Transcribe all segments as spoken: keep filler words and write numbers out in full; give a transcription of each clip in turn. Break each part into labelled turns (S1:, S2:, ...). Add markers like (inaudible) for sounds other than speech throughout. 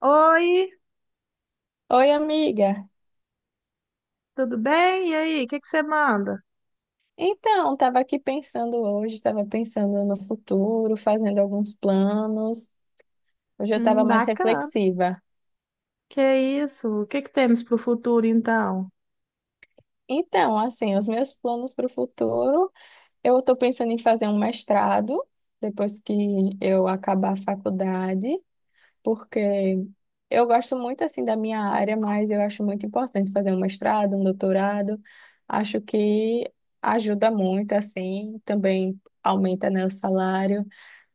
S1: Oi,
S2: Oi, amiga.
S1: tudo bem? E aí, o que que você manda?
S2: Então, estava aqui pensando hoje, estava pensando no futuro, fazendo alguns planos. Hoje eu estava
S1: Hum,
S2: mais
S1: bacana.
S2: reflexiva.
S1: Que isso? O que que temos para o futuro, então?
S2: Então, assim, os meus planos para o futuro, eu estou pensando em fazer um mestrado depois que eu acabar a faculdade. Porque eu gosto muito assim da minha área, mas eu acho muito importante fazer um mestrado, um doutorado. Acho que ajuda muito assim, também aumenta, né, o salário.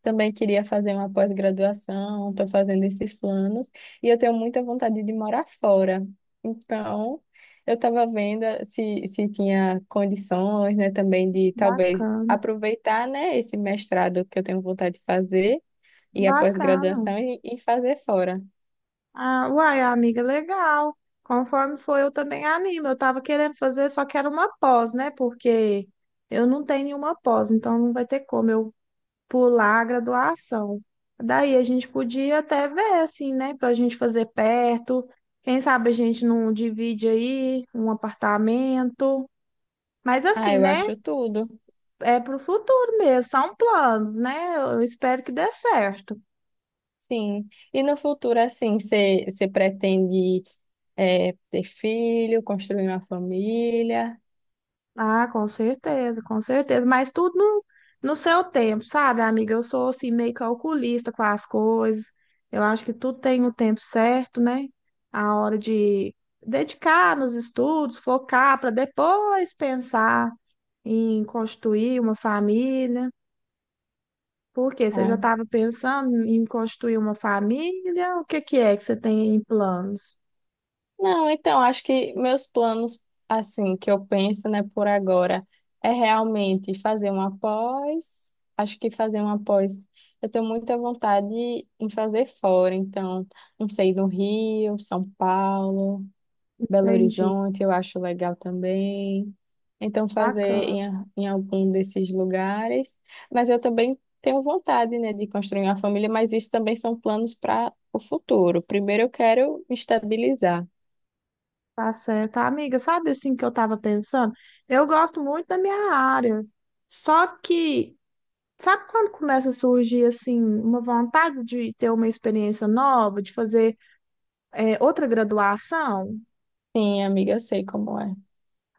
S2: Também queria fazer uma pós-graduação, estou fazendo esses planos e eu tenho muita vontade de morar fora. Então, eu estava vendo eh, se, se tinha condições, né, também de talvez
S1: Bacana,
S2: aproveitar, né, esse mestrado que eu tenho vontade de fazer e a
S1: bacana.
S2: pós-graduação e, e fazer fora.
S1: Ah, uai, amiga, legal. Conforme foi, eu também animo. Eu estava querendo fazer, só que era uma pós, né? Porque eu não tenho nenhuma pós, então não vai ter como eu pular a graduação. Daí a gente podia até ver, assim, né? Para a gente fazer perto. Quem sabe a gente não divide aí um apartamento. Mas
S2: Ah,
S1: assim,
S2: eu
S1: né?
S2: acho tudo.
S1: É pro futuro mesmo, são planos, né? Eu espero que dê certo.
S2: Sim. E no futuro, assim, você você pretende é, ter filho, construir uma família?
S1: Ah, com certeza, com certeza. Mas tudo no, no seu tempo, sabe, amiga? Eu sou assim, meio calculista com as coisas. Eu acho que tudo tem o tempo certo, né? A hora de dedicar nos estudos, focar para depois pensar em constituir uma família. Por quê? Você já
S2: Mas...
S1: estava pensando em constituir uma família? O que que é que você tem em planos?
S2: Não, então, acho que meus planos, assim, que eu penso, né, por agora, é realmente fazer uma pós. Acho que fazer uma pós, eu tenho muita vontade em fazer fora. Então, não sei, no Rio, São Paulo. Belo
S1: Entendi.
S2: Horizonte, eu acho legal também. Então, fazer
S1: Bacana,
S2: em, a- em algum desses lugares. Mas eu também tenho vontade, né, de construir uma família, mas isso também são planos para o futuro. Primeiro, eu quero me estabilizar.
S1: tá certo. Amiga, sabe assim que eu tava pensando? Eu gosto muito da minha área. Só que, sabe quando começa a surgir assim uma vontade de ter uma experiência nova, de fazer é, outra graduação?
S2: Sim, amiga, eu sei como é.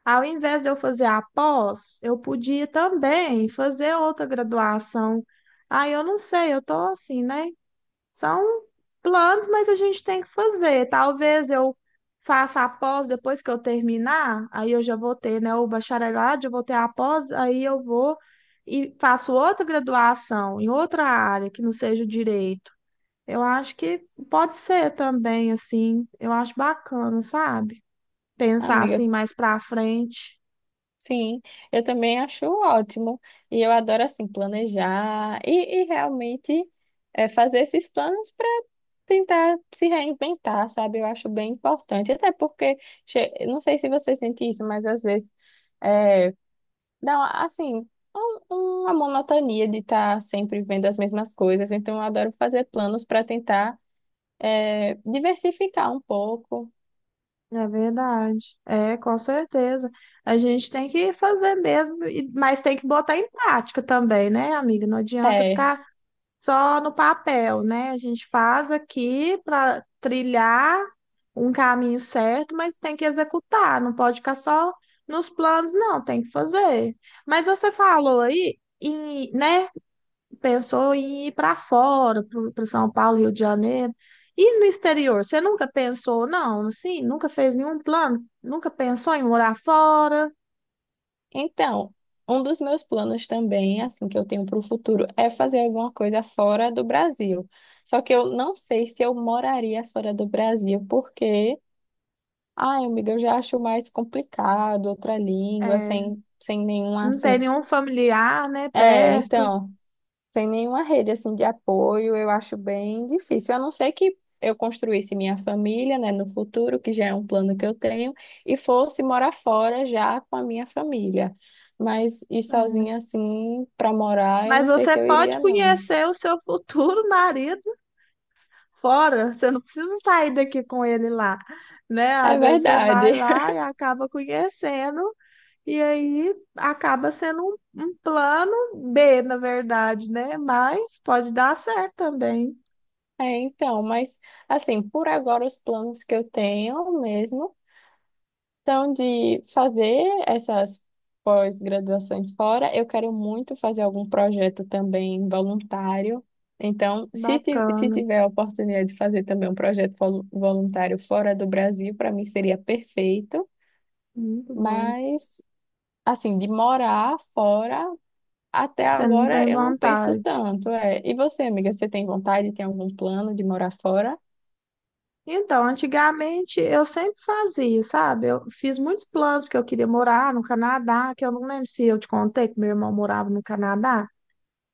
S1: Ao invés de eu fazer a pós, eu podia também fazer outra graduação. Aí eu não sei, eu tô assim, né? São planos, mas a gente tem que fazer. Talvez eu faça a pós depois que eu terminar, aí eu já vou ter, né, o bacharelado, já vou ter a pós, aí eu vou e faço outra graduação em outra área que não seja o direito. Eu acho que pode ser também assim. Eu acho bacana, sabe? Pensar
S2: Amiga,
S1: assim mais pra frente.
S2: sim, eu também acho ótimo. E eu adoro, assim, planejar e, e realmente é, fazer esses planos para tentar se reinventar, sabe? Eu acho bem importante. Até porque, che- não sei se você sente isso, mas às vezes é, dá, uma- assim, um- uma monotonia de estar sempre vendo as mesmas coisas. Então, eu adoro fazer planos para tentar é, diversificar um pouco.
S1: É verdade. É, com certeza. A gente tem que fazer mesmo, e- mas tem que botar em prática também, né, amiga? Não adianta
S2: É.
S1: ficar só no papel, né? A gente faz aqui para trilhar um caminho certo, mas tem que executar, não pode ficar só nos planos, não, tem que fazer. Mas você falou aí, em, né? Pensou em ir para fora, para São Paulo, Rio de Janeiro. E no exterior, você nunca pensou, não, assim, nunca fez nenhum plano, nunca pensou em morar fora,
S2: Então, um dos meus planos também, assim, que eu tenho para o futuro, é fazer alguma coisa fora do Brasil. Só que eu não sei se eu moraria fora do Brasil, porque, ai, amiga, eu já acho mais complicado outra língua,
S1: é,
S2: sem, sem nenhuma,
S1: não tem
S2: assim.
S1: nenhum familiar, né,
S2: É,
S1: perto.
S2: então. Sem nenhuma rede assim de apoio, eu acho bem difícil. A não ser que eu construísse minha família, né, no futuro, que já é um plano que eu tenho, e fosse morar fora já com a minha família. Mas ir
S1: É.
S2: sozinha assim para morar, eu
S1: Mas
S2: não sei
S1: você
S2: se eu
S1: pode
S2: iria, não.
S1: conhecer o seu futuro marido fora, você não precisa sair daqui com ele lá, né?
S2: É
S1: Às vezes você vai
S2: verdade.
S1: lá
S2: (laughs)
S1: e acaba conhecendo. E aí acaba sendo um, um plano B, na verdade, né? Mas pode dar certo também.
S2: É, então, mas assim, por agora os planos que eu tenho mesmo. Então, de fazer essas pós-graduações fora, eu quero muito fazer algum projeto também voluntário. Então, se, ti- se
S1: Bacana,
S2: tiver a oportunidade de fazer também um projeto volu- voluntário fora do Brasil, para mim seria perfeito.
S1: muito bom.
S2: Mas, assim, de morar fora, até
S1: Você não
S2: agora
S1: tem
S2: eu não penso
S1: vontade.
S2: tanto. É. E você, amiga, você tem vontade, tem algum plano de morar fora?
S1: Então, antigamente eu sempre fazia, sabe? Eu fiz muitos planos porque eu queria morar no Canadá, que eu não lembro se eu te contei que meu irmão morava no Canadá.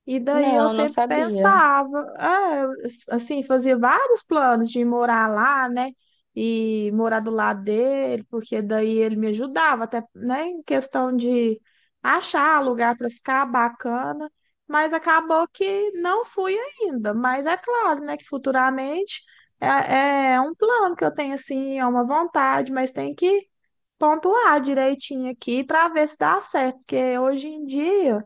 S1: E daí eu
S2: Não, não
S1: sempre
S2: sabia.
S1: pensava, ah, assim, fazia vários planos de morar lá, né? E morar do lado dele, porque daí ele me ajudava, até, né, em questão de achar lugar para ficar bacana, mas acabou que não fui ainda. Mas é claro, né, que futuramente é, é um plano que eu tenho, assim, é uma vontade, mas tem que pontuar direitinho aqui para ver se dá certo, porque hoje em dia.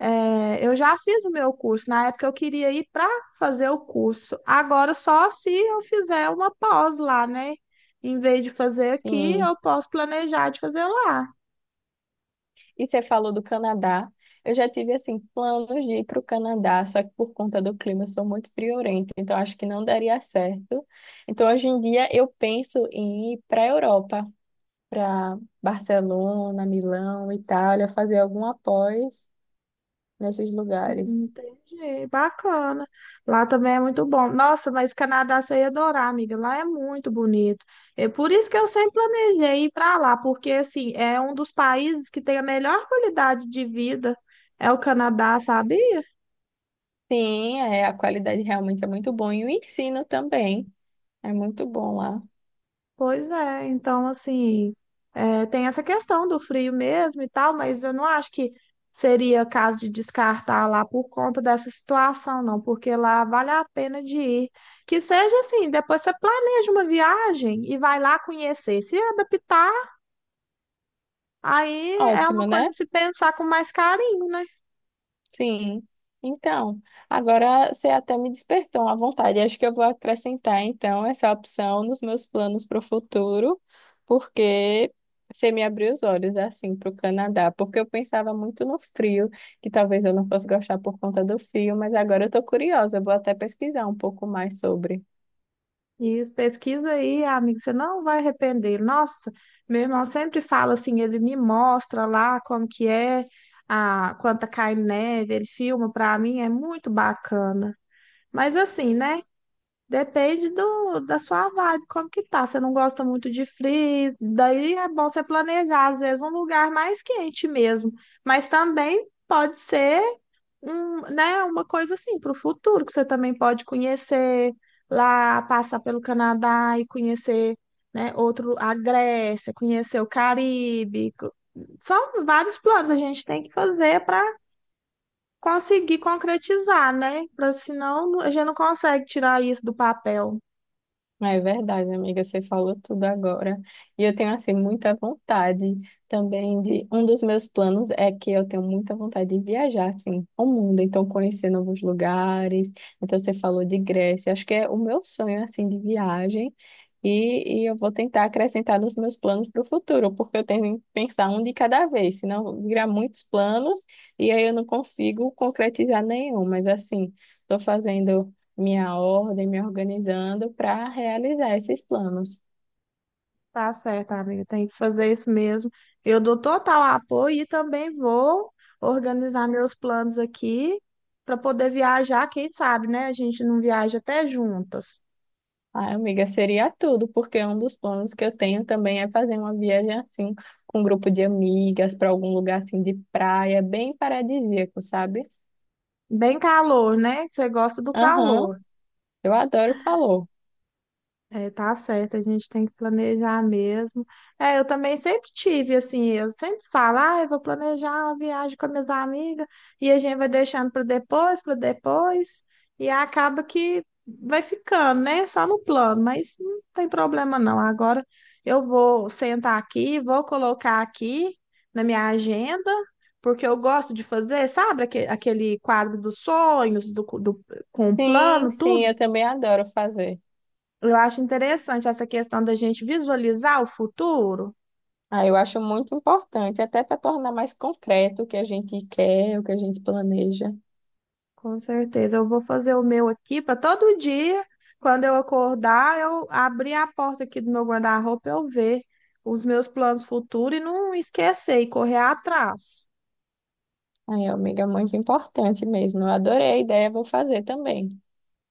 S1: É, eu já fiz o meu curso. Na época eu queria ir para fazer o curso. Agora, só se eu fizer uma pós lá, né? Em vez de fazer aqui,
S2: Sim.
S1: eu posso planejar de fazer lá.
S2: E você falou do Canadá. Eu já tive, assim, planos de ir para o Canadá, só que por conta do clima eu sou muito friorenta, então acho que não daria certo. Então, hoje em dia, eu penso em ir para a Europa, para Barcelona, Milão, Itália, fazer algum após nesses lugares.
S1: Entendi, bacana. Lá também é muito bom. Nossa, mas Canadá você ia adorar, amiga. Lá é muito bonito. É por isso que eu sempre planejei ir para lá, porque assim, é um dos países que tem a melhor qualidade de vida. É o Canadá, sabia?
S2: Sim, é, a qualidade realmente é muito boa e o ensino também é muito bom lá.
S1: Pois é, então assim, é, tem essa questão do frio mesmo e tal, mas eu não acho que seria caso de descartar lá por conta dessa situação, não, porque lá vale a pena de ir. Que seja assim, depois você planeja uma viagem e vai lá conhecer. Se adaptar, aí é uma
S2: Ótimo,
S1: coisa a
S2: né?
S1: se pensar com mais carinho, né?
S2: Sim. Então, agora você até me despertou uma vontade. Acho que eu vou acrescentar, então, essa opção nos meus planos para o futuro, porque você me abriu os olhos, assim, para o Canadá. Porque eu pensava muito no frio, que talvez eu não fosse gostar por conta do frio, mas agora eu estou curiosa. Eu vou até pesquisar um pouco mais sobre.
S1: Isso, pesquisa aí, amigo, você não vai arrepender. Nossa, meu irmão sempre fala assim, ele me mostra lá como que é, a, quando tá caindo neve, ele filma pra mim, é muito bacana. Mas assim, né, depende do, da sua vibe, como que tá. Você não gosta muito de frio, daí é bom você planejar, às vezes, um lugar mais quente mesmo. Mas também pode ser um, né, uma coisa assim para o futuro, que você também pode conhecer lá, passar pelo Canadá e conhecer, né, outro, a Grécia, conhecer o Caribe. Co- São vários planos a gente tem que fazer para conseguir concretizar, né? Para senão a gente não consegue tirar isso do papel.
S2: É verdade, amiga, você falou tudo agora. E eu tenho, assim, muita vontade também de... Um dos meus planos é que eu tenho muita vontade de viajar, assim, ao mundo. Então, conhecer novos lugares. Então, você falou de Grécia. Acho que é o meu sonho, assim, de viagem. E, e eu vou tentar acrescentar nos meus planos para o futuro, porque eu tenho que pensar um de cada vez, senão eu virar muitos planos e aí eu não consigo concretizar nenhum. Mas, assim, estou fazendo minha ordem, me organizando para realizar esses planos.
S1: Tá certo, amiga. Tem que fazer isso mesmo. Eu dou total apoio e também vou organizar meus planos aqui para poder viajar. Quem sabe, né? A gente não viaja até juntas.
S2: Ai, amiga, seria tudo, porque um dos planos que eu tenho também é fazer uma viagem assim, com um grupo de amigas, para algum lugar assim de praia, bem paradisíaco, sabe?
S1: Bem calor, né? Você gosta do
S2: Aham,
S1: calor.
S2: eu adoro calor.
S1: É, tá certo, a gente tem que planejar mesmo. É, eu também sempre tive, assim, eu sempre falo, ah, eu vou planejar uma viagem com as minhas amigas, e a gente vai deixando para depois, para depois, e acaba que vai ficando, né? Só no plano, mas não tem problema não. Agora eu vou sentar aqui, vou colocar aqui na minha agenda, porque eu gosto de fazer, sabe, aque- aquele quadro dos sonhos, do, do, com o
S2: Sim,
S1: plano,
S2: sim,
S1: tudo.
S2: eu também adoro fazer.
S1: Eu acho interessante essa questão da gente visualizar o futuro.
S2: Ah, eu acho muito importante, até para tornar mais concreto o que a gente quer, o que a gente planeja.
S1: Com certeza, eu vou fazer o meu aqui para todo dia, quando eu acordar, eu abrir a porta aqui do meu guarda-roupa, eu ver os meus planos futuros e não esquecer e correr atrás.
S2: Ai, amiga, é muito importante mesmo. Eu adorei a ideia, vou fazer também.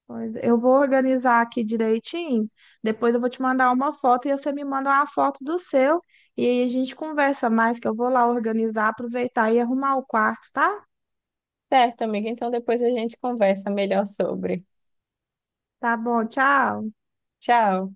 S1: Pois eu vou organizar aqui direitinho, depois eu vou te mandar uma foto e você me manda uma foto do seu e aí a gente conversa mais, que eu vou lá organizar, aproveitar e arrumar o quarto, tá?
S2: Certo, amiga. Então depois a gente conversa melhor sobre.
S1: Tá bom, tchau.
S2: Tchau.